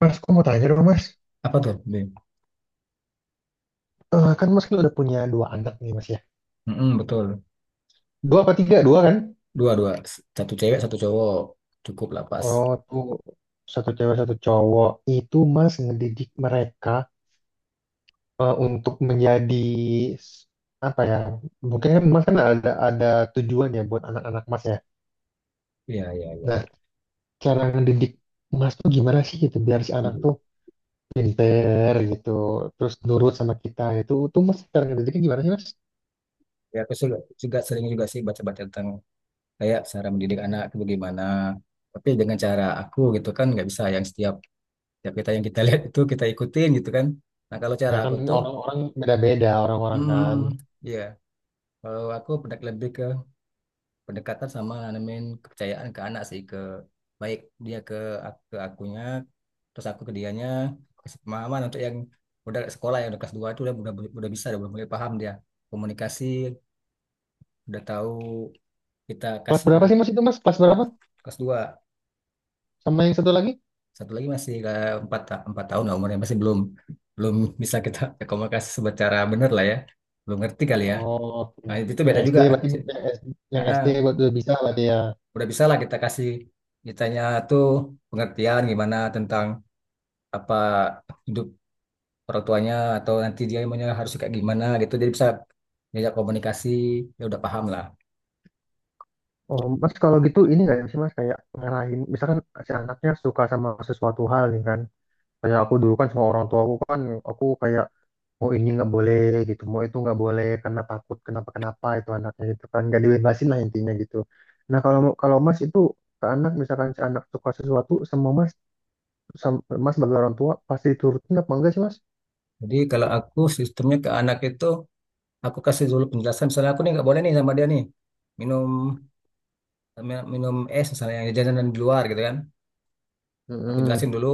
Mas, aku mau tanya dong, Mas. Apa tuh? B. Eh, kan Mas kan udah punya dua anak nih, Mas ya. Mm-mm, betul. Dua apa tiga? Dua kan? Dua, dua. Satu cewek, satu cowok. Cukup lah pas. Oh, tuh, satu cewek satu cowok. Itu Mas ngedidik mereka untuk menjadi s- apa ya? Mungkin kan Mas kan ada tujuan ya buat anak-anak Mas ya. Iya, iya, iya. Nah, cara ngedidik Mas tuh gimana sih gitu biar si anak tuh pinter gitu, terus nurut sama kita gitu. Itu tuh Mas cara ngedidiknya gimana sih, Mas? Ya, aku juga sering juga sih baca-baca tentang kayak cara mendidik anak itu bagaimana. Tapi dengan cara aku gitu kan nggak bisa yang setiap setiap kita yang kita lihat itu kita ikutin gitu kan. Nah kalau cara Ya kan aku tuh, orang-orang beda-beda orang-orang hmm, kan. iya. Kalau aku pendek lebih ke pendekatan sama nanamin kepercayaan ke anak sih ke baik dia ke akunya terus aku ke dianya kasih pemahaman untuk yang udah sekolah yang udah kelas 2 itu udah, udah bisa udah mulai paham dia komunikasi udah tahu kita Kelas kasih berapa arah sih Mas itu, Mas? Kelas ke berapa? kelas dua. Sama yang satu lagi? Satu lagi masih ke empat empat tahun lah umurnya masih belum belum bisa kita komunikasi secara benar lah ya belum ngerti kali ya Oh, oke. nah itu Yang beda SD juga. berarti, yang SD, Nah, yang SD ah. buat udah bisa berarti ya. Udah bisa lah kita kasih ditanya tuh pengertian gimana tentang apa hidup orang tuanya atau nanti dia maunya harus kayak gimana gitu jadi bisa diajak komunikasi ya udah paham lah. Oh, Mas, kalau gitu ini nggak sih Mas kayak ngarahin, misalkan si anaknya suka sama sesuatu hal nih kan, kayak aku dulu kan sama orang tua aku kan, aku kayak mau ini nggak boleh gitu, mau itu nggak boleh karena takut kenapa kenapa itu anaknya gitu kan, nggak dibebasin lah intinya gitu. Nah, kalau kalau Mas itu ke anak misalkan si anak suka sesuatu, semua Mas, Mas sebagai orang tua pasti turutin apa enggak sih, Mas? Jadi kalau aku sistemnya ke anak itu aku kasih dulu penjelasan misalnya aku nih nggak boleh nih sama dia nih minum minum es misalnya yang jajanan di luar gitu kan aku Mm-mm. jelasin dulu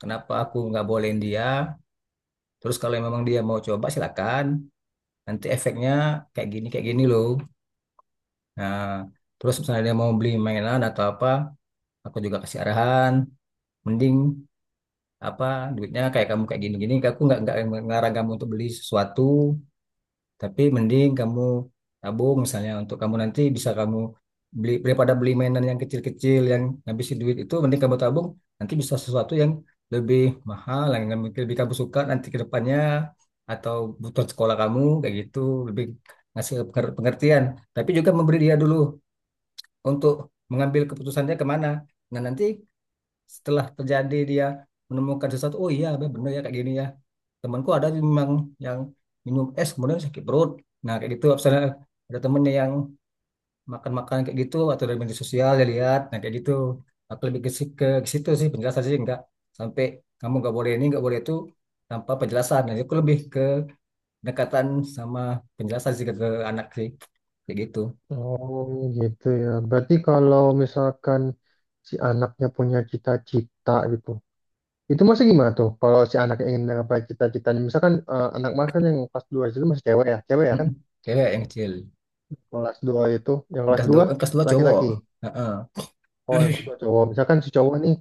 kenapa aku nggak bolehin dia terus kalau memang dia mau coba silakan nanti efeknya kayak gini loh. Nah, terus misalnya dia mau beli mainan atau apa, aku juga kasih arahan. Mending apa duitnya kayak kamu kayak gini-gini. Aku nggak ngarang kamu untuk beli sesuatu, tapi mending kamu tabung misalnya untuk kamu nanti bisa kamu beli daripada beli mainan yang kecil-kecil yang ngabisin duit itu, mending kamu tabung nanti bisa sesuatu yang lebih mahal, yang lebih kamu suka nanti ke depannya atau butuh sekolah kamu kayak gitu lebih ngasih pengertian tapi juga memberi dia dulu untuk mengambil keputusannya kemana. Nah nanti setelah terjadi dia menemukan sesuatu, oh iya bener ya kayak gini ya. Temanku ada memang yang minum es kemudian sakit perut. Nah kayak gitu, misalnya ada temennya yang makan-makan kayak gitu atau dari media sosial dia lihat, nah kayak gitu. Aku lebih ke, ke situ sih penjelasan sih enggak sampai kamu nggak boleh ini nggak boleh itu tanpa penjelasan. Nah, aku lebih ke pendekatan sama penjelasan sih ke anak sih kayak gitu. Oh gitu ya. Berarti kalau misalkan si anaknya punya cita-cita gitu, itu masih gimana tuh? Kalau si anaknya ingin menggapai cita-citanya, misalkan anak Mas kan yang kelas 2 itu masih cewek ya kan? Mm-mm. Cewek yang kecil. Kelas 2 itu, yang kelas dua Angkas dua cowok. laki-laki. Heeh. Oh, yang kelas 2 cowok. Misalkan si cowok nih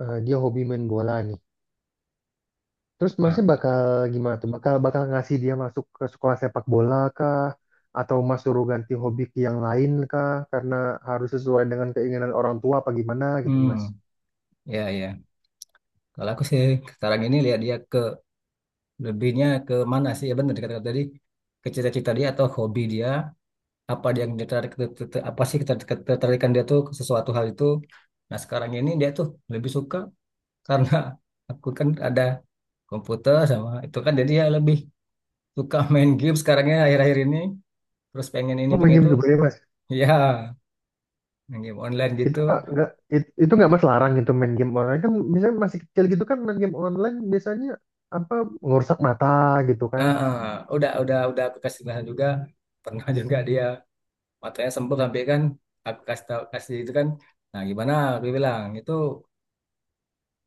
dia hobi main bola nih. Terus Nah, masih bakal gimana tuh? Bakal bakal ngasih dia masuk ke sekolah sepak bola kah? Atau Mas suruh ganti hobi ke yang lain kah? Karena harus sesuai dengan keinginan orang tua apa gimana gitu, Mas? hmm, ya ya. Kalau aku sih sekarang ini lihat dia ke lebihnya ke mana sih? Ya benar dikatakan tadi ke cita-cita dia atau hobi dia apa dia yang tertarik apa sih ketertarikan dia tuh ke sesuatu hal itu. Nah sekarang ini dia tuh lebih suka karena aku kan ada komputer sama itu kan jadi ya lebih suka main game sekarangnya akhir-akhir ini terus pengen ini Oh, main pengen game itu. juga ya, Mas. Ya main game online Itu gitu. nggak itu nggak Mas larang gitu main game online kan, misalnya masih kecil gitu kan main game online biasanya apa ngerusak mata gitu kan. Ah, ah. Udah aku kasih penjelasan juga pernah juga dia matanya sempet sampai kan aku kasih tahu kasih itu kan nah gimana aku bilang itu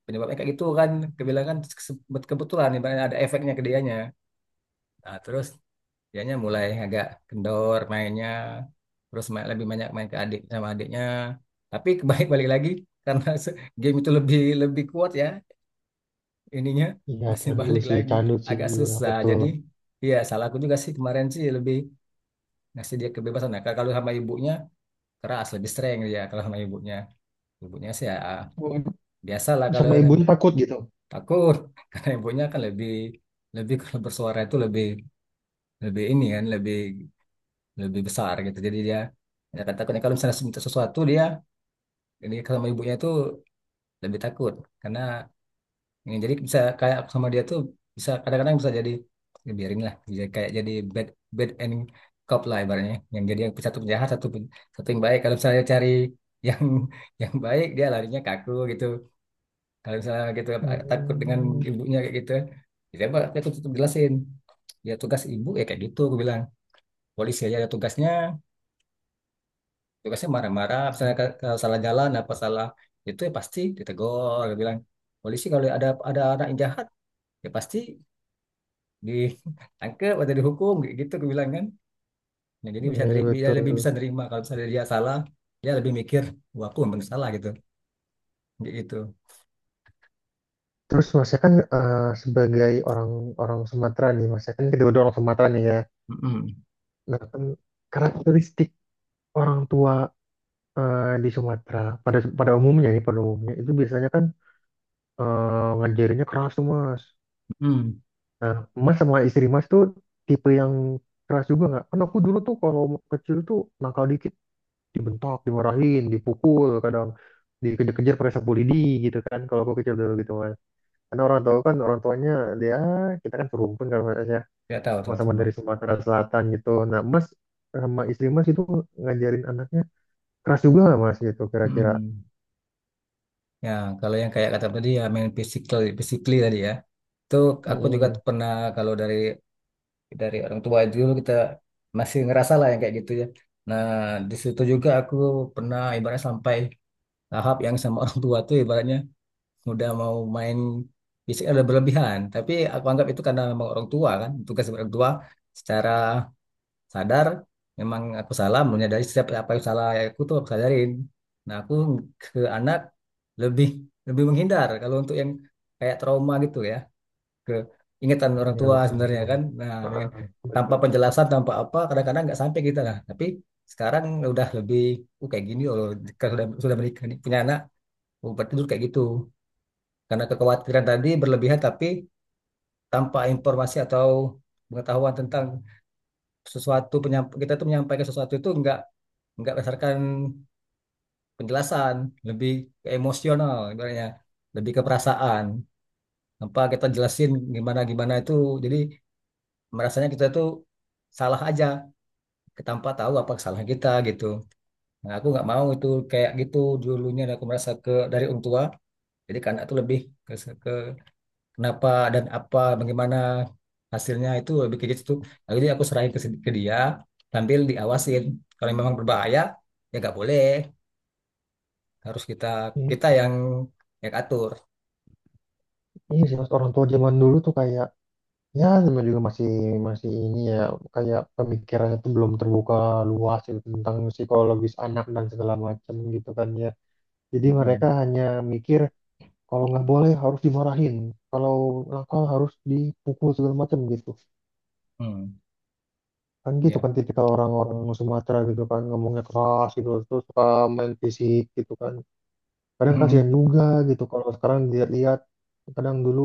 penyebabnya kayak gitu kan aku bilang kan kebetulan ibaratnya ada efeknya ke dianya nah terus dianya mulai agak kendor mainnya terus main, lebih banyak main ke adik sama adiknya tapi kebalik balik lagi karena game itu lebih lebih kuat ya ininya Iya, masih candu balik sih lagi candu sih, agak iya, susah betul. jadi. Iya, salah aku juga sih kemarin sih lebih ngasih dia kebebasan. Nah, kalau sama ibunya keras lebih strength dia kalau sama ibunya. Ibunya sih ya Oh, biasa lah kalau sama ibunya takut gitu. takut karena ibunya kan lebih lebih kalau bersuara itu lebih lebih ini kan lebih lebih besar gitu. Jadi dia ya takutnya kalau misalnya minta sesuatu dia ini kalau sama ibunya itu lebih takut karena. Ya, jadi bisa kayak aku sama dia tuh bisa kadang-kadang bisa jadi ya biarin lah jadi kayak jadi bad bad and cop lah ibaratnya yang jadi yang satu penjahat satu satu yang baik kalau misalnya cari yang yang baik dia larinya kaku gitu kalau misalnya gitu takut dengan Hmm, ibunya kayak gitu ya saya aku tutup jelasin ya tugas ibu ya kayak gitu aku bilang polisi aja ada tugasnya tugasnya marah-marah misalnya kalau salah jalan apa salah itu ya pasti ditegur aku bilang polisi kalau ada anak yang jahat ya pasti ditangkap atau dihukum gitu aku bilang kan nah, jadi bisa iya dia betul. lebih bisa nerima kalau misalnya dia salah dia lebih mikir wah aku memang salah gitu kayak gitu. Terus masnya kan sebagai orang orang Sumatera nih, masnya kan kedua-dua orang Sumatera nih ya. Mm-mm. Nah kan karakteristik orang tua di Sumatera pada pada umumnya nih, pada umumnya itu biasanya kan ngajarinnya keras tuh, Mas. Mm-mm. Mas sama istri Mas tuh tipe yang keras juga nggak? Kan aku dulu tuh kalau kecil tuh nakal dikit dibentak, dimarahin, dipukul, kadang dikejar-kejar pakai sapu lidi gitu kan. Kalau aku kecil dulu gitu, Mas. Karena orang tua kan, orang tuanya dia, kita kan serumpun kan Mas ya, Nggak tahu tuh sama-sama sama. dari Sumatera Selatan gitu. Nah, Mas sama istri Mas itu ngajarin anaknya keras juga nggak Mas gitu, kira-kira? Mm-mm. Ya kalau yang kayak kata tadi ya main physical physically tadi ya itu aku juga Hmm, pernah kalau dari orang tua dulu kita masih ngerasa lah yang kayak gitu ya nah di situ juga aku pernah ibaratnya sampai tahap yang sama orang tua tuh ibaratnya udah mau main fisik ada berlebihan. Tapi aku anggap itu karena memang orang tua kan, tugas orang tua secara sadar memang aku salah, menyadari setiap apa yang salah aku tuh aku sadarin. Nah, aku ke anak lebih lebih menghindar kalau untuk yang kayak trauma gitu ya, ke ingatan orang iya tua betul sebenarnya betul. kan. Nah, dengan Ah, tanpa benar. penjelasan, tanpa apa, kadang-kadang nggak sampai kita lah. Tapi sekarang udah lebih, kayak gini loh, kalau sudah menikah nih, punya anak, oh, berarti dulu kayak gitu. Karena kekhawatiran tadi berlebihan tapi tanpa informasi atau pengetahuan tentang sesuatu kita tuh menyampaikan sesuatu itu nggak berdasarkan penjelasan, lebih ke emosional ibaratnya, lebih ke perasaan. Tanpa kita jelasin gimana gimana itu, jadi merasanya kita tuh salah aja, tanpa tahu apa kesalahan kita gitu. Nah, aku nggak mau itu kayak gitu dulunya. Dan aku merasa ke dari orang tua, jadi ke anak tuh lebih ke, kenapa dan apa bagaimana hasilnya itu lebih kayak gitu. Lalu nah, jadi aku serahin ke, ke dia sambil diawasin kalau memang berbahaya ya nggak boleh harus kita kita yang atur. Iya sih, Mas, orang tua zaman dulu tuh kayak, ya, namanya juga masih masih ini ya, kayak pemikirannya tuh belum terbuka luas gitu, tentang psikologis anak dan segala macam gitu kan ya. Jadi Mm-mm. mereka hanya mikir kalau nggak boleh harus dimarahin, kalau nakal harus dipukul segala macam gitu. Mm. Kan gitu Ya. kan tipikal orang-orang Sumatera gitu kan, ngomongnya keras gitu, terus suka main fisik gitu kan. Kadang Mm-mm. kasihan juga gitu kalau sekarang dilihat-lihat, kadang dulu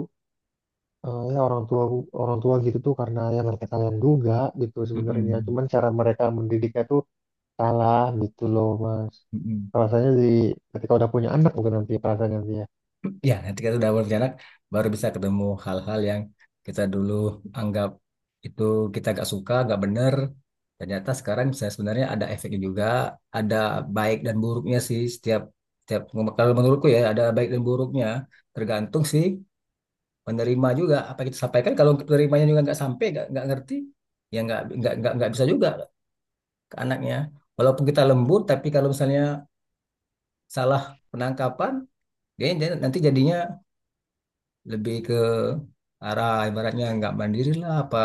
ya, orang tua gitu tuh karena ya mereka kalian juga gitu sebenarnya, Mm-mm. cuman cara mereka mendidiknya tuh salah gitu loh, Mas, Mm-mm. rasanya di ketika udah punya anak, bukan nanti perasaan nanti ya. Ya nanti kita sudah berjalan baru bisa ketemu hal-hal yang kita dulu anggap itu kita gak suka gak bener ternyata sekarang bisa sebenarnya ada efeknya juga ada baik dan buruknya sih setiap setiap kalau menurutku ya ada baik dan buruknya tergantung sih penerima juga apa kita sampaikan kalau penerimanya juga nggak sampai nggak ngerti ya nggak bisa juga ke anaknya walaupun kita lembut tapi kalau misalnya salah penangkapan dia dia nanti jadinya lebih ke arah ibaratnya nggak mandiri lah apa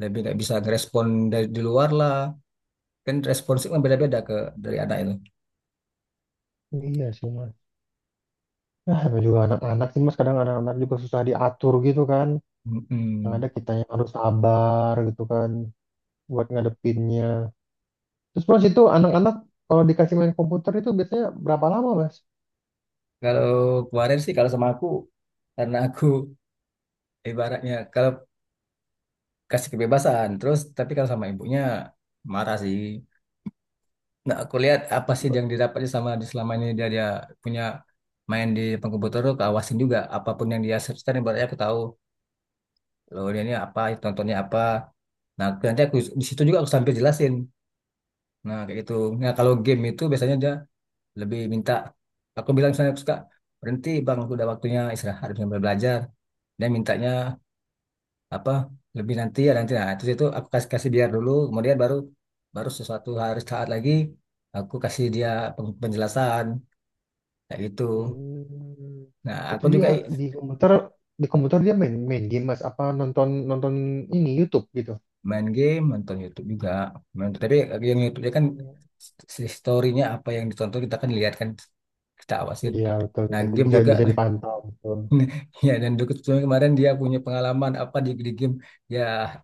lebih nggak bisa ngerespon dari di luar lah kan responsif kan beda-beda ke dari anak itu. Iya sih, Mas, nah, namanya juga anak-anak sih Mas, kadang anak-anak juga susah diatur gitu kan, yang Mm-mm. ada kita yang harus sabar gitu kan buat ngadepinnya. Terus Mas itu anak-anak kalau dikasih main komputer itu biasanya berapa lama, Mas? Kalau kemarin sih kalau sama aku karena aku ibaratnya kalau kasih kebebasan terus tapi kalau sama ibunya marah sih nah aku lihat apa sih yang didapatnya sama di selama ini dia dia punya main di depan komputer tuh keawasin juga apapun yang dia search kan ibaratnya aku tahu loh dia ini apa tontonnya apa. Nah, nanti aku di situ juga aku sambil jelasin. Nah, kayak gitu. Nah, kalau game itu biasanya dia lebih minta aku bilang misalnya aku suka berhenti Bang, udah waktunya istirahat, udah mulai belajar. Dia mintanya apa? Lebih nanti ya nanti. Nah, terus itu aku kasih kasih biar dulu, kemudian baru baru sesuatu hari saat lagi aku kasih dia penjelasan kayak gitu. Hmm. Nah, Itu aku dia juga di komputer di komputer dia main main game Mas, apa nonton nonton ini YouTube gitu. main game nonton YouTube juga main, tapi yang YouTube nya kan Oh. si story-nya apa yang ditonton kita kan lihat kan kita awasin Iya betul, nah bisa game bisa juga bisa nah dipantau, betul. ya dan dulu kebetulan kemarin dia punya pengalaman apa di game ya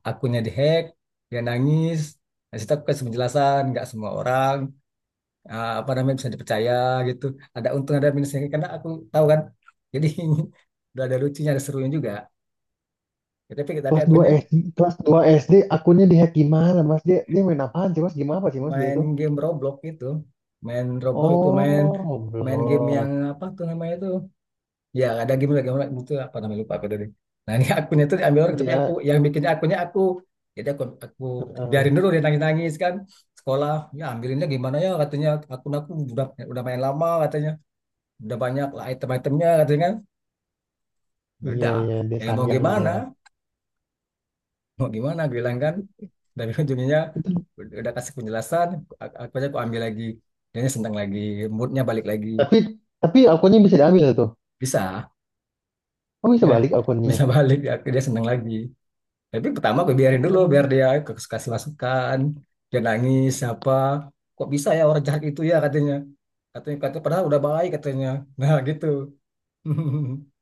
akunnya dihack dia nangis nah, situ aku kasih penjelasan nggak semua orang apa namanya bisa dipercaya gitu ada untung ada minusnya karena aku tahu kan jadi udah ada lucunya ada serunya juga. Ya, tapi Kelas 2 akunya SD, kelas 2 SD akunnya dihack, gimana Mas, dia dia main apaan sih Mas, gimana, apa sih Mas dia main itu? game Roblox itu main Oh, main game yang Roblox. apa tuh namanya itu ya ada game lagi game itu apa namanya lupa aku tadi nah ini akunnya itu diambil orang tapi Iya, aku yang bikin akunnya aku jadi aku eh, biarin dulu dia nangis nangis kan sekolah ya ambilinnya gimana ya katanya akun aku udah main lama katanya udah banyak lah item-itemnya katanya kan. Ya iya, udah iya, dia ya sayang ya. mau gimana gue bilang kan dari ujungnya Itu, udah kasih penjelasan aku aja aku ambil lagi dia senang lagi moodnya balik lagi tapi tapi akunnya bisa diambil tuh. bisa Oh, bisa udah balik akunnya. bisa balik ya, dia senang lagi tapi pertama gue biarin dulu biar Oh, dia kasih masukan dia nangis siapa kok bisa ya orang jahat itu ya katanya katanya katanya padahal udah baik katanya nah gitu.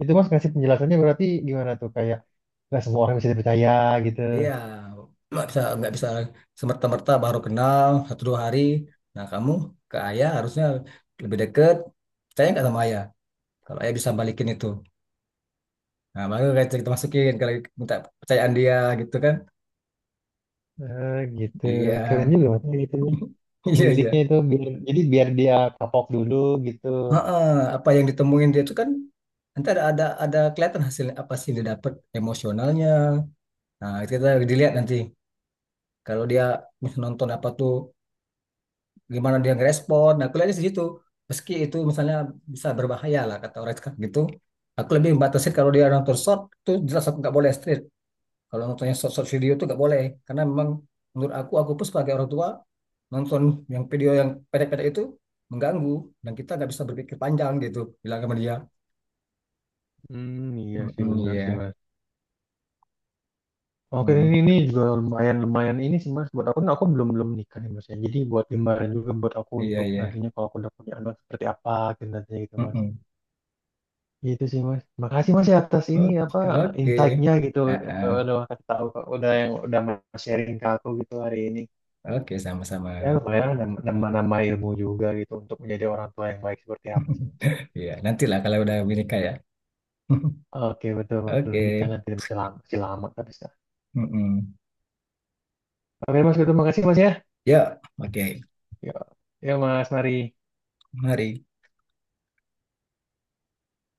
itu Mas ngasih penjelasannya berarti gimana tuh, kayak nggak semua orang bisa dipercaya gitu. Iya, nggak bisa semerta-merta baru kenal satu dua hari. Nah kamu ke ayah harusnya lebih deket. Percaya nggak sama ayah? Kalau ayah bisa balikin itu, nah baru kayak kita masukin kalau minta percayaan dia gitu kan? Eh, gitu Iya, keren juga, maksudnya gitu nih iya iya. pendidiknya, itu biar dia kapok dulu gitu. Heeh, apa yang ditemuin dia itu kan nanti ada kelihatan hasilnya apa sih yang dia dapat emosionalnya. Nah itu kita dilihat nanti kalau dia nonton apa tuh gimana dia ngerespon. Nah, aku lihatnya di situ. Meski itu misalnya bisa berbahaya lah kata orang sekarang gitu. Aku lebih membatasin kalau dia nonton short tuh jelas aku nggak boleh straight. Kalau nontonnya short short video tuh nggak boleh karena memang menurut aku pun sebagai orang tua nonton yang video yang pendek-pendek itu mengganggu dan kita nggak bisa berpikir panjang gitu bilang sama dia. Hmm, iya sih, Mm-mm, benar sih, iya. Mas. Oke, Mm, ini juga lumayan, lumayan ini sih Mas, buat aku belum belum nikah nih Mas ya, jadi buat gambaran juga buat aku iya, untuk iya. nantinya kalau aku udah punya anak seperti apa gitu nantinya gitu, Mas. Mm-mm. Gitu sih, Mas, makasih Mas ya atas ini, apa, Oke, oke. insight-nya gitu, Ah, yang ah. udah kasih tahu, udah, yang udah Mas sharing ke aku gitu hari ini. Oke, sama-sama. Ya lumayan nambah-nambah ilmu juga gitu untuk menjadi orang tua yang baik seperti apa sih, Mas. Iya, nantilah kalau udah menikah ya. Oke, betul betul, Oke. nikah nanti masih lama tapi. Mm-mm. Oke Mas, betul, makasih Mas ya. Ya, oke. Ya, ya Mas, mari. Mari.